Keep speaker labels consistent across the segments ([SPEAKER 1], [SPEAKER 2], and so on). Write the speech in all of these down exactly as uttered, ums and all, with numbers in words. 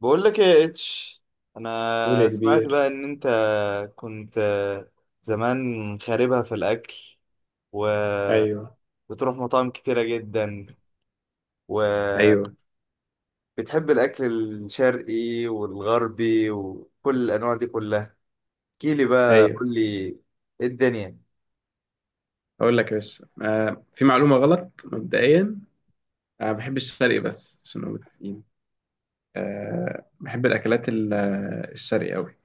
[SPEAKER 1] بقول لك ايه يا اتش،
[SPEAKER 2] قول يا
[SPEAKER 1] انا سمعت بقى
[SPEAKER 2] كبير.
[SPEAKER 1] ان انت كنت زمان خاربها في الاكل، وبتروح
[SPEAKER 2] ايوه،
[SPEAKER 1] مطاعم كتيرة جدا، وبتحب
[SPEAKER 2] ايوه،
[SPEAKER 1] الاكل الشرقي والغربي وكل الانواع دي كلها. احكيلي بقى،
[SPEAKER 2] ايوه.
[SPEAKER 1] قول لي ايه الدنيا.
[SPEAKER 2] اقول لك يا باشا، آه في معلومه غلط مبدئيا. انا ما بحبش الشرقي بس عشان نبقى متفقين. آه بحب الاكلات ال- آه، الشرقي قوي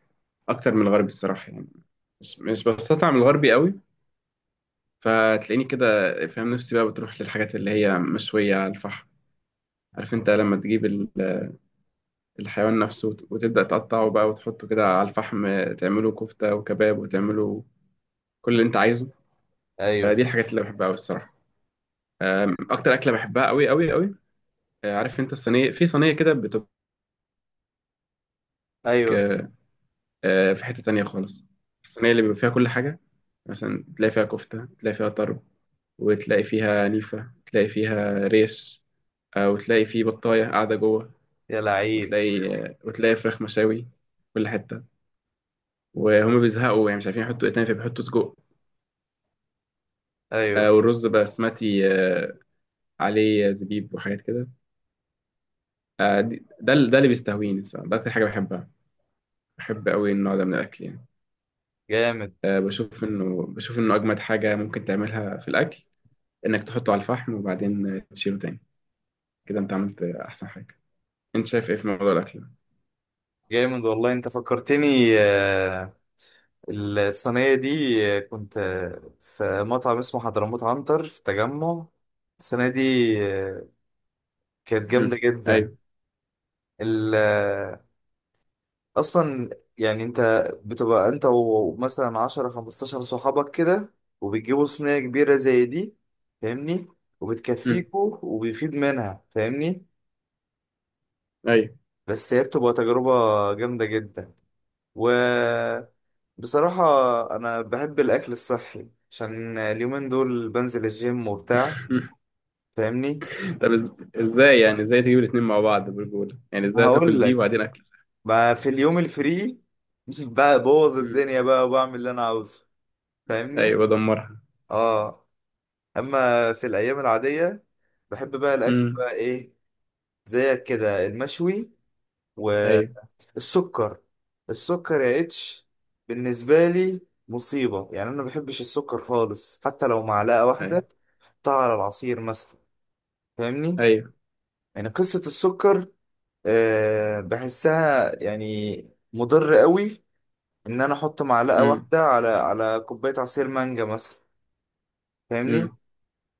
[SPEAKER 2] اكتر من الغربي الصراحه يعني. مش مش بستطعم الغربي قوي. فتلاقيني كده فاهم نفسي، بقى بتروح للحاجات اللي هي مشويه على الفحم. عارف انت لما تجيب ال- الحيوان نفسه وت- وتبدا تقطعه بقى وتحطه كده على الفحم، آه، تعمله كفته وكباب وتعمله كل اللي انت عايزه. آه،
[SPEAKER 1] ايوه.
[SPEAKER 2] دي الحاجات اللي بحبها قوي الصراحه. آم، اكتر اكله بحبها قوي قوي قوي، آه، عارف انت الصينيه، في صينيه كده بتبقى.
[SPEAKER 1] ايوه.
[SPEAKER 2] آه، آه، في حته تانية خالص. الصينيه اللي بيبقى فيها كل حاجه، مثلا تلاقي فيها كفته، تلاقي فيها طرب، وتلاقي فيها نيفه، تلاقي فيها ريش، آه، وتلاقي فيه بطايه قاعده جوه،
[SPEAKER 1] يا لعيب.
[SPEAKER 2] وتلاقي، آه، وتلاقي فراخ مشاوي، كل حته. وهم بيزهقوا يعني مش عارفين يحطوا ايه تاني فبيحطوا سجق،
[SPEAKER 1] ايوه.
[SPEAKER 2] آه، والرز بسمتي آه، عليه زبيب وحاجات كده. آه، دي- ده ال- ده اللي بيستهويني الصراحه، ده اكتر حاجه بحبها. بحب قوي النوع ده من الاكل يعني.
[SPEAKER 1] جامد.
[SPEAKER 2] آه، بشوف انه، بشوف انه اجمد حاجه ممكن تعملها في الاكل انك تحطه على الفحم وبعدين آه، تشيله تاني. كده انت عملت آه، احسن حاجه. انت شايف ايه في موضوع الاكل ده؟
[SPEAKER 1] جامد والله، انت فكرتني. آه، الصينية دي، آه، كنت آه، في مطعم اسمه حضرموت عنتر في التجمع السنة دي، آه، كانت جامدة
[SPEAKER 2] امم
[SPEAKER 1] جدا.
[SPEAKER 2] ايوه.
[SPEAKER 1] ال- آه، أصلا يعني انت بتبقى انت ومثلا عشرة خمستاشر صحابك كده، وبتجيبوا صينية كبيرة زي دي، فاهمني؟
[SPEAKER 2] امم
[SPEAKER 1] وبتكفيكوا وبيفيد منها، فاهمني؟
[SPEAKER 2] ايوه.
[SPEAKER 1] بس هي بتبقى تجربة جامدة جدا. وبصراحة أنا بحب الأكل الصحي عشان اليومين دول بنزل الجيم وبتاع، فاهمني؟
[SPEAKER 2] طب إز- ازاي يعني؟ ازاي تجيب الاتنين مع بعض برجوله يعني؟ ازاي
[SPEAKER 1] هقول
[SPEAKER 2] تاكل دي وبعدين
[SPEAKER 1] لك،
[SPEAKER 2] اكل؟
[SPEAKER 1] بقى في اليوم الفري ببوظ
[SPEAKER 2] امم
[SPEAKER 1] الدنيا بقى وبعمل اللي أنا عاوزه، فاهمني؟
[SPEAKER 2] ايوه، بدمرها.
[SPEAKER 1] اه. أما في الأيام العادية بحب بقى الأكل
[SPEAKER 2] امم
[SPEAKER 1] بقى إيه، زيك كده، المشوي.
[SPEAKER 2] ايوه
[SPEAKER 1] السكر، السكر يا اتش بالنسبة لي مصيبة. يعني أنا ما بحبش السكر خالص، حتى لو معلقة
[SPEAKER 2] ايوه.
[SPEAKER 1] واحدة حطها على العصير مثلا، فاهمني؟
[SPEAKER 2] ايوه.
[SPEAKER 1] يعني قصة السكر، أه بحسها يعني مضر قوي، إن أنا أحط معلقة
[SPEAKER 2] امم
[SPEAKER 1] واحدة على على كوباية عصير مانجا مثلا، فاهمني؟
[SPEAKER 2] امم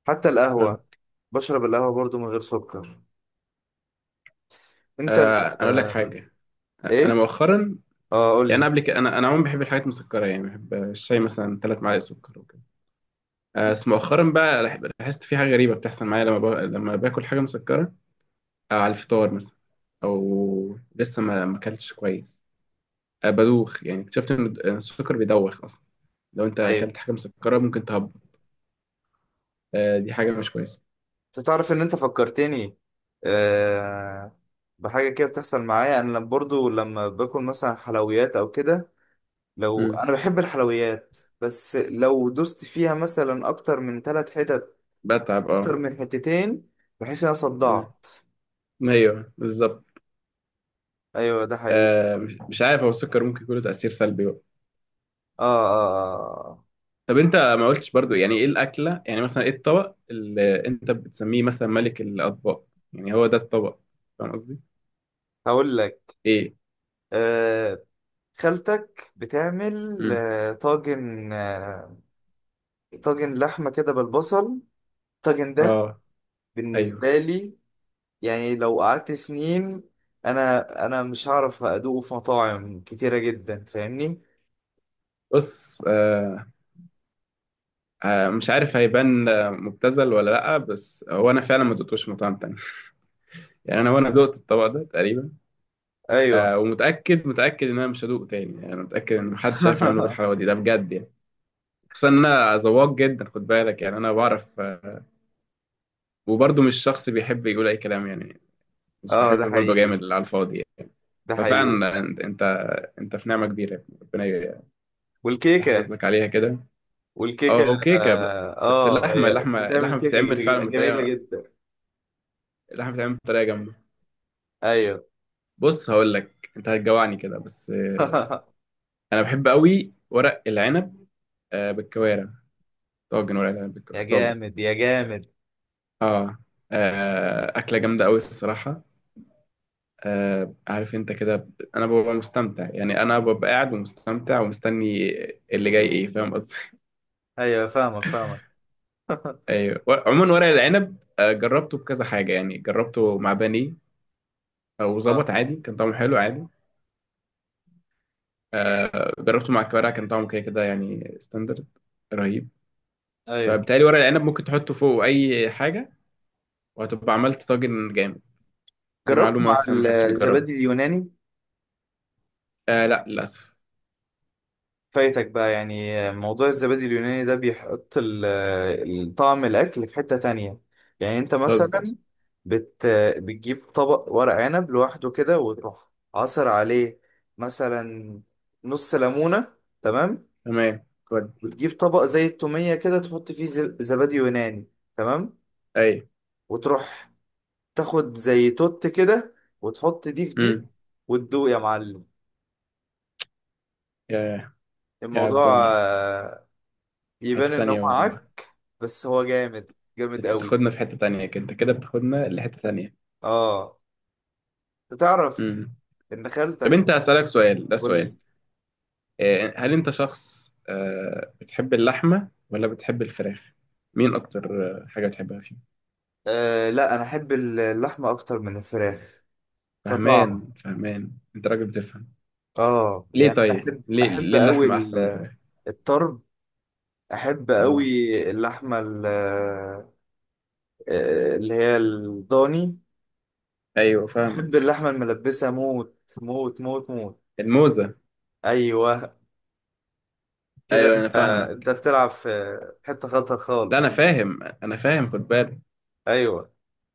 [SPEAKER 1] حتى
[SPEAKER 2] فاهم.
[SPEAKER 1] القهوة، بشرب القهوة برضو من غير سكر. أنت؟
[SPEAKER 2] آه، انا اقول لك حاجه. انا
[SPEAKER 1] إيه؟
[SPEAKER 2] مؤخرا،
[SPEAKER 1] آه قول
[SPEAKER 2] يعني أنا
[SPEAKER 1] لي.
[SPEAKER 2] قبل كده، انا انا عموما بحب الحاجات المسكره، يعني بحب الشاي مثلا ثلاث معالق سكر وكده. آه، بس مؤخرا بقى لح- لاحظت في حاجة غريبة بتحصل معايا لما با... لما باكل حاجة مسكرة، أو على الفطار مثلا، أو لسه ما ما أكلتش كويس، آه، بدوخ. يعني اكتشفت إن الد- إن السكر بيدوخ أصلا. لو أنت
[SPEAKER 1] أيوه.
[SPEAKER 2] أكلت حاجة مسكرة ممكن تهبط. آه، دي حاجة مش كويسة.
[SPEAKER 1] انت تعرف ان انت فكرتني، آه، بحاجه كده بتحصل معايا انا، لما برضو لما باكل مثلا حلويات او كده. لو
[SPEAKER 2] مم.
[SPEAKER 1] انا بحب الحلويات، بس لو دوست فيها مثلا اكتر من ثلاث حتت،
[SPEAKER 2] بتعب، أه.
[SPEAKER 1] اكتر من حتتين، بحيث ان انا
[SPEAKER 2] مم.
[SPEAKER 1] صدعت.
[SPEAKER 2] أيوه بالظبط.
[SPEAKER 1] ايوه ده حقيقي.
[SPEAKER 2] آه، مش مش عارف، هو السكر ممكن يكون له تأثير سلبي بقى.
[SPEAKER 1] اه اه اه.
[SPEAKER 2] طب أنت ما قلتش برضو يعني إيه الأكلة، يعني مثلا إيه الطبق اللي أنت بتسميه مثلا ملك الأطباق؟ يعني هو ده الطبق؟ فاهم قصدي؟
[SPEAKER 1] آه. هقول لك.
[SPEAKER 2] إيه؟
[SPEAKER 1] آه خالتك بتعمل آه طاجن آه طاجن لحمه كده بالبصل. الطاجن ده
[SPEAKER 2] اه، ايوه.
[SPEAKER 1] بالنسبه لي، يعني لو قعدت سنين انا انا مش هعرف ادوقه في مطاعم كتيرة جدا، فاهمني؟
[SPEAKER 2] بص، آه آه مش عارف هيبان آه، مبتذل ولا لا، بس هو انا فعلا ما دقتوش مطعم تاني يعني انا، وانا دقت الطبق ده تقريبا،
[SPEAKER 1] ايوه.
[SPEAKER 2] آه، ومتاكد، متاكد ان انا مش هدوقه تاني. يعني انا متاكد ان محدش عارف يعمله بالحلاوه دي، ده بجد يعني. خصوصا ان انا ذواق جدا، خد بالك، يعني انا بعرف آه وبرضه مش شخص بيحب يقول اي كلام يعني. مش
[SPEAKER 1] اه ده
[SPEAKER 2] بحب برضه
[SPEAKER 1] حقيقي،
[SPEAKER 2] جامد على الفاضي يعني.
[SPEAKER 1] ده حقيقي.
[SPEAKER 2] ففعلا انت انت انت في نعمه كبيره يا ابني. ربنا
[SPEAKER 1] والكيكة
[SPEAKER 2] يحفظ لك عليها كده.
[SPEAKER 1] والكيكة
[SPEAKER 2] اه، وكيكه.
[SPEAKER 1] اه،
[SPEAKER 2] بس
[SPEAKER 1] آه،
[SPEAKER 2] اللحمه،
[SPEAKER 1] هي
[SPEAKER 2] اللحمه
[SPEAKER 1] بتعمل
[SPEAKER 2] اللحمه
[SPEAKER 1] كيكة
[SPEAKER 2] بتتعمل
[SPEAKER 1] جميلة
[SPEAKER 2] فعلا
[SPEAKER 1] جميلة
[SPEAKER 2] بطريقه،
[SPEAKER 1] جدا.
[SPEAKER 2] اللحمة بتتعمل بطريقة جامدة.
[SPEAKER 1] ايوه.
[SPEAKER 2] بص هقول لك، انت هتجوعني كده بس. آه، انا بحب قوي ورق العنب، آه، بالكوارع. طاجن ورق العنب بالك-
[SPEAKER 1] يا
[SPEAKER 2] في طاجن.
[SPEAKER 1] جامد يا جامد.
[SPEAKER 2] اه. آه، اكلة جامدة قوي الصراحة. آه، عارف انت كده، ب- انا ببقى مستمتع، يعني انا ببقى قاعد ومستمتع ومستني اللي جاي ايه. فاهم قصدي؟
[SPEAKER 1] ايوه فاهمك فاهمك.
[SPEAKER 2] ايوه و- عموما ورق العنب آه، جربته بكذا حاجة، يعني جربته مع بانيه
[SPEAKER 1] اه.
[SPEAKER 2] وظبط عادي، كان طعمه حلو عادي. آه، جربته مع الكوارع كان طعمه كده كده يعني، ستاندرد، رهيب.
[SPEAKER 1] ايوه
[SPEAKER 2] فبالتالي ورق العنب ممكن تحطه فوق اي حاجه وهتبقى عملت طاجن جامد. دي
[SPEAKER 1] جربت
[SPEAKER 2] معلومه
[SPEAKER 1] مع
[SPEAKER 2] بس ما حدش بيجربها.
[SPEAKER 1] الزبادي اليوناني.
[SPEAKER 2] آه، لا للاسف.
[SPEAKER 1] فايتك بقى، يعني موضوع الزبادي اليوناني ده بيحط ال- ال- طعم الأكل في حتة تانية. يعني أنت
[SPEAKER 2] بتهزر.
[SPEAKER 1] مثلا بت بتجيب طبق ورق عنب لوحده كده، وتروح عصر عليه مثلا نص ليمونة، تمام؟
[SPEAKER 2] تمام. ودي.
[SPEAKER 1] وتجيب طبق زي التومية كده تحط فيه ز- زبادي يوناني، تمام؟
[SPEAKER 2] اي.
[SPEAKER 1] وتروح تاخد زي توت كده، وتحط دي في دي،
[SPEAKER 2] امم.
[SPEAKER 1] وتدوق يا معلم.
[SPEAKER 2] يا، يا
[SPEAKER 1] الموضوع
[SPEAKER 2] الدنيا.
[SPEAKER 1] آه،
[SPEAKER 2] حته
[SPEAKER 1] يبان إن هو
[SPEAKER 2] تانية والله.
[SPEAKER 1] عك، بس هو جامد، جامد
[SPEAKER 2] انت
[SPEAKER 1] قوي.
[SPEAKER 2] بتاخدنا في حته تانية كده، انت كده بتاخدنا لحته تانية.
[SPEAKER 1] اه. تعرف
[SPEAKER 2] امم.
[SPEAKER 1] ان
[SPEAKER 2] طب
[SPEAKER 1] خالتك؟
[SPEAKER 2] انت، اسالك سؤال، ده
[SPEAKER 1] قول
[SPEAKER 2] سؤال.
[SPEAKER 1] لي.
[SPEAKER 2] آه هل انت شخص آه بتحب اللحمه ولا بتحب الفراخ؟ مين اكتر آه، حاجه بتحبها فيهم؟
[SPEAKER 1] آه لا، انا احب اللحمه اكتر من الفراخ كطعم.
[SPEAKER 2] فهمان، فهمان. انت راجل بتفهم.
[SPEAKER 1] اه،
[SPEAKER 2] ليه؟
[SPEAKER 1] يعني انا
[SPEAKER 2] طيب
[SPEAKER 1] احب،
[SPEAKER 2] ليه؟
[SPEAKER 1] احب
[SPEAKER 2] ليه
[SPEAKER 1] قوي
[SPEAKER 2] اللحمه احسن من الفراخ؟
[SPEAKER 1] الطرب، احب قوي
[SPEAKER 2] اه.
[SPEAKER 1] اللحمه ال- آه، اللي هي الضاني.
[SPEAKER 2] ايوه
[SPEAKER 1] احب
[SPEAKER 2] فاهمك.
[SPEAKER 1] اللحمه الملبسه، موت موت موت موت.
[SPEAKER 2] الموزه.
[SPEAKER 1] ايوه. كده،
[SPEAKER 2] ايوه، انا
[SPEAKER 1] انت انت
[SPEAKER 2] فاهمك.
[SPEAKER 1] بتلعب في حته خطر
[SPEAKER 2] لا، انا
[SPEAKER 1] خالص.
[SPEAKER 2] فاهم، انا فاهم، خد بالك.
[SPEAKER 1] ايوه.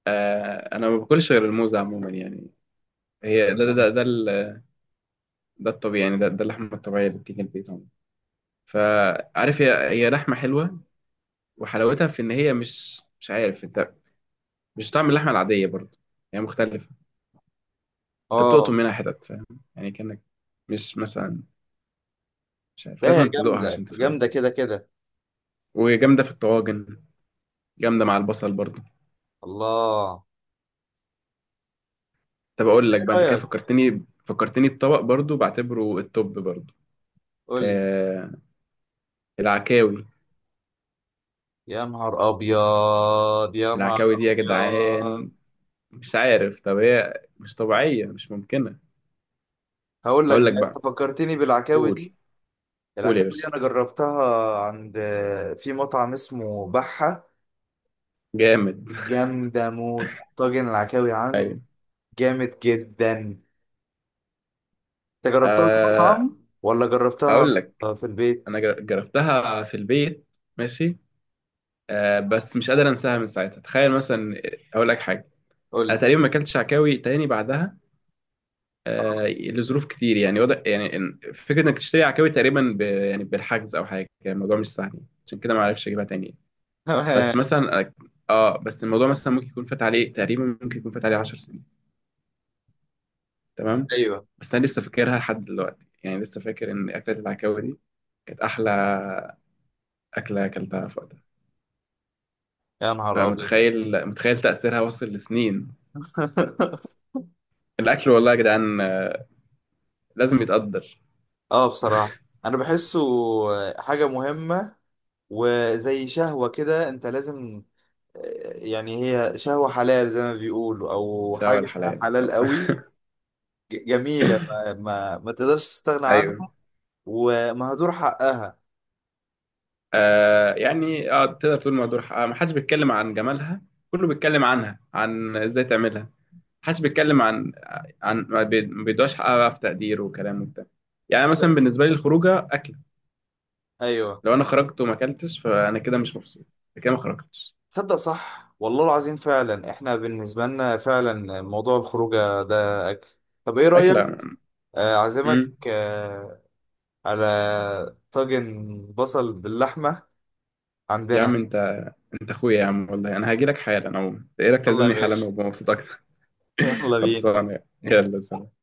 [SPEAKER 2] آه انا ما باكلش غير الموزه عموما يعني. هي ده ده ده
[SPEAKER 1] نعم.
[SPEAKER 2] ده, ال- ده الطبيعي يعني. ده, ده اللحمه الطبيعيه اللي بتيجي البيت عموما. فعارف، هي هي لحمه حلوه، وحلاوتها في ان هي، مش مش عارف انت، مش طعم اللحمه العاديه برضه، هي مختلفه. انت بتقطم
[SPEAKER 1] اه
[SPEAKER 2] منها حتت، فاهم، يعني كانك، مش مثلا، مش عارف،
[SPEAKER 1] لا، هي
[SPEAKER 2] لازم تدوقها
[SPEAKER 1] جامده
[SPEAKER 2] عشان تفهم.
[SPEAKER 1] جامده كده كده.
[SPEAKER 2] وجامده في الطواجن، جامده مع البصل برضه.
[SPEAKER 1] الله.
[SPEAKER 2] طب اقول
[SPEAKER 1] ايه
[SPEAKER 2] لك بقى، انت كده
[SPEAKER 1] رايك؟
[SPEAKER 2] فكرتني، فكرتني بطبق برضو بعتبره التوب برضو.
[SPEAKER 1] قول لي.
[SPEAKER 2] آه، العكاوي.
[SPEAKER 1] يا نهار ابيض، يا نهار
[SPEAKER 2] العكاوي دي يا
[SPEAKER 1] ابيض.
[SPEAKER 2] جدعان، مش عارف، طب هي مش طبيعية، مش ممكنة.
[SPEAKER 1] هقول لك
[SPEAKER 2] هقول لك
[SPEAKER 1] بقى، انت
[SPEAKER 2] بقى.
[SPEAKER 1] فكرتني بالعكاوي
[SPEAKER 2] قول.
[SPEAKER 1] دي.
[SPEAKER 2] قول يا
[SPEAKER 1] العكاوي دي
[SPEAKER 2] باشا.
[SPEAKER 1] انا جربتها عند، في مطعم اسمه بحة،
[SPEAKER 2] جامد.
[SPEAKER 1] جامدة موت. طاجن العكاوي عند
[SPEAKER 2] ايوه،
[SPEAKER 1] جامد جدا. انت جربتها في
[SPEAKER 2] آه
[SPEAKER 1] مطعم ولا جربتها
[SPEAKER 2] اقول لك.
[SPEAKER 1] في
[SPEAKER 2] انا
[SPEAKER 1] البيت؟
[SPEAKER 2] جر- جربتها في البيت ماشي. آه بس مش قادر انساها من ساعتها. تخيل مثلا، اقول لك حاجة،
[SPEAKER 1] قول
[SPEAKER 2] انا
[SPEAKER 1] لي.
[SPEAKER 2] تقريبا ما اكلتش عكاوي تاني بعدها. آه، لظروف كتير يعني، وضع يعني، إن- فكرة انك تشتري عكاوي تقريبا ب... يعني بالحجز او حاجة، يعني الموضوع مش سهل، عشان كده ما عرفش اجيبها تاني.
[SPEAKER 1] آه.
[SPEAKER 2] بس مثلا، اه، بس الموضوع مثلا ممكن يكون فات عليه تقريبا، ممكن يكون فات عليه 10 سنين. تمام.
[SPEAKER 1] ايوه.
[SPEAKER 2] بس انا لسه فاكرها لحد دلوقتي، يعني لسه فاكر ان اكلة العكاوي دي كانت احلى اكلة اكلتها في وقتها.
[SPEAKER 1] يا نهار ابيض.
[SPEAKER 2] فمتخيل، متخيل تأثيرها وصل لسنين. الاكل والله يا جدعان، آه، لازم يتقدر.
[SPEAKER 1] اه بصراحة انا بحسه حاجة مهمة، وزي شهوة كده، انت لازم. يعني هي شهوة حلال زي ما بيقولوا أو
[SPEAKER 2] في اول
[SPEAKER 1] حاجة،
[SPEAKER 2] حلال
[SPEAKER 1] حلال قوي، ج- جميلة، ما, ما, ما تقدرش تستغنى
[SPEAKER 2] ايوه.
[SPEAKER 1] عنها، ومهدور حقها.
[SPEAKER 2] آه يعني اه تقدر تقول مهدور حقها. ما حدش بيتكلم عن جمالها، كله بيتكلم عنها عن ازاي تعملها. ما حدش بيتكلم عن، عن ما بي- ما بيدوش حقها بقى في تقدير وكلام وبتاع. يعني مثلا بالنسبه لي الخروجه اكله،
[SPEAKER 1] أيوه.
[SPEAKER 2] لو انا خرجت وما اكلتش فانا كده مش مبسوط، أنا كده ما خرجتش.
[SPEAKER 1] تصدق صح، والله العظيم، فعلا إحنا بالنسبة لنا فعلا موضوع الخروجة ده أكل. طب إيه رأيك،
[SPEAKER 2] اكله.
[SPEAKER 1] آه، أعزمك
[SPEAKER 2] امم.
[SPEAKER 1] آه، على طاجن بصل باللحمة
[SPEAKER 2] يا عم
[SPEAKER 1] عندنا.
[SPEAKER 2] انت، انت اخويا يا عم والله، انا هاجي لك حالا، او ايه رايك
[SPEAKER 1] يلا يا
[SPEAKER 2] تعزمني حالا
[SPEAKER 1] باشا.
[SPEAKER 2] وابقى مبسوط اكتر؟
[SPEAKER 1] يلا بينا.
[SPEAKER 2] خلصانه يعني. يلا سلام.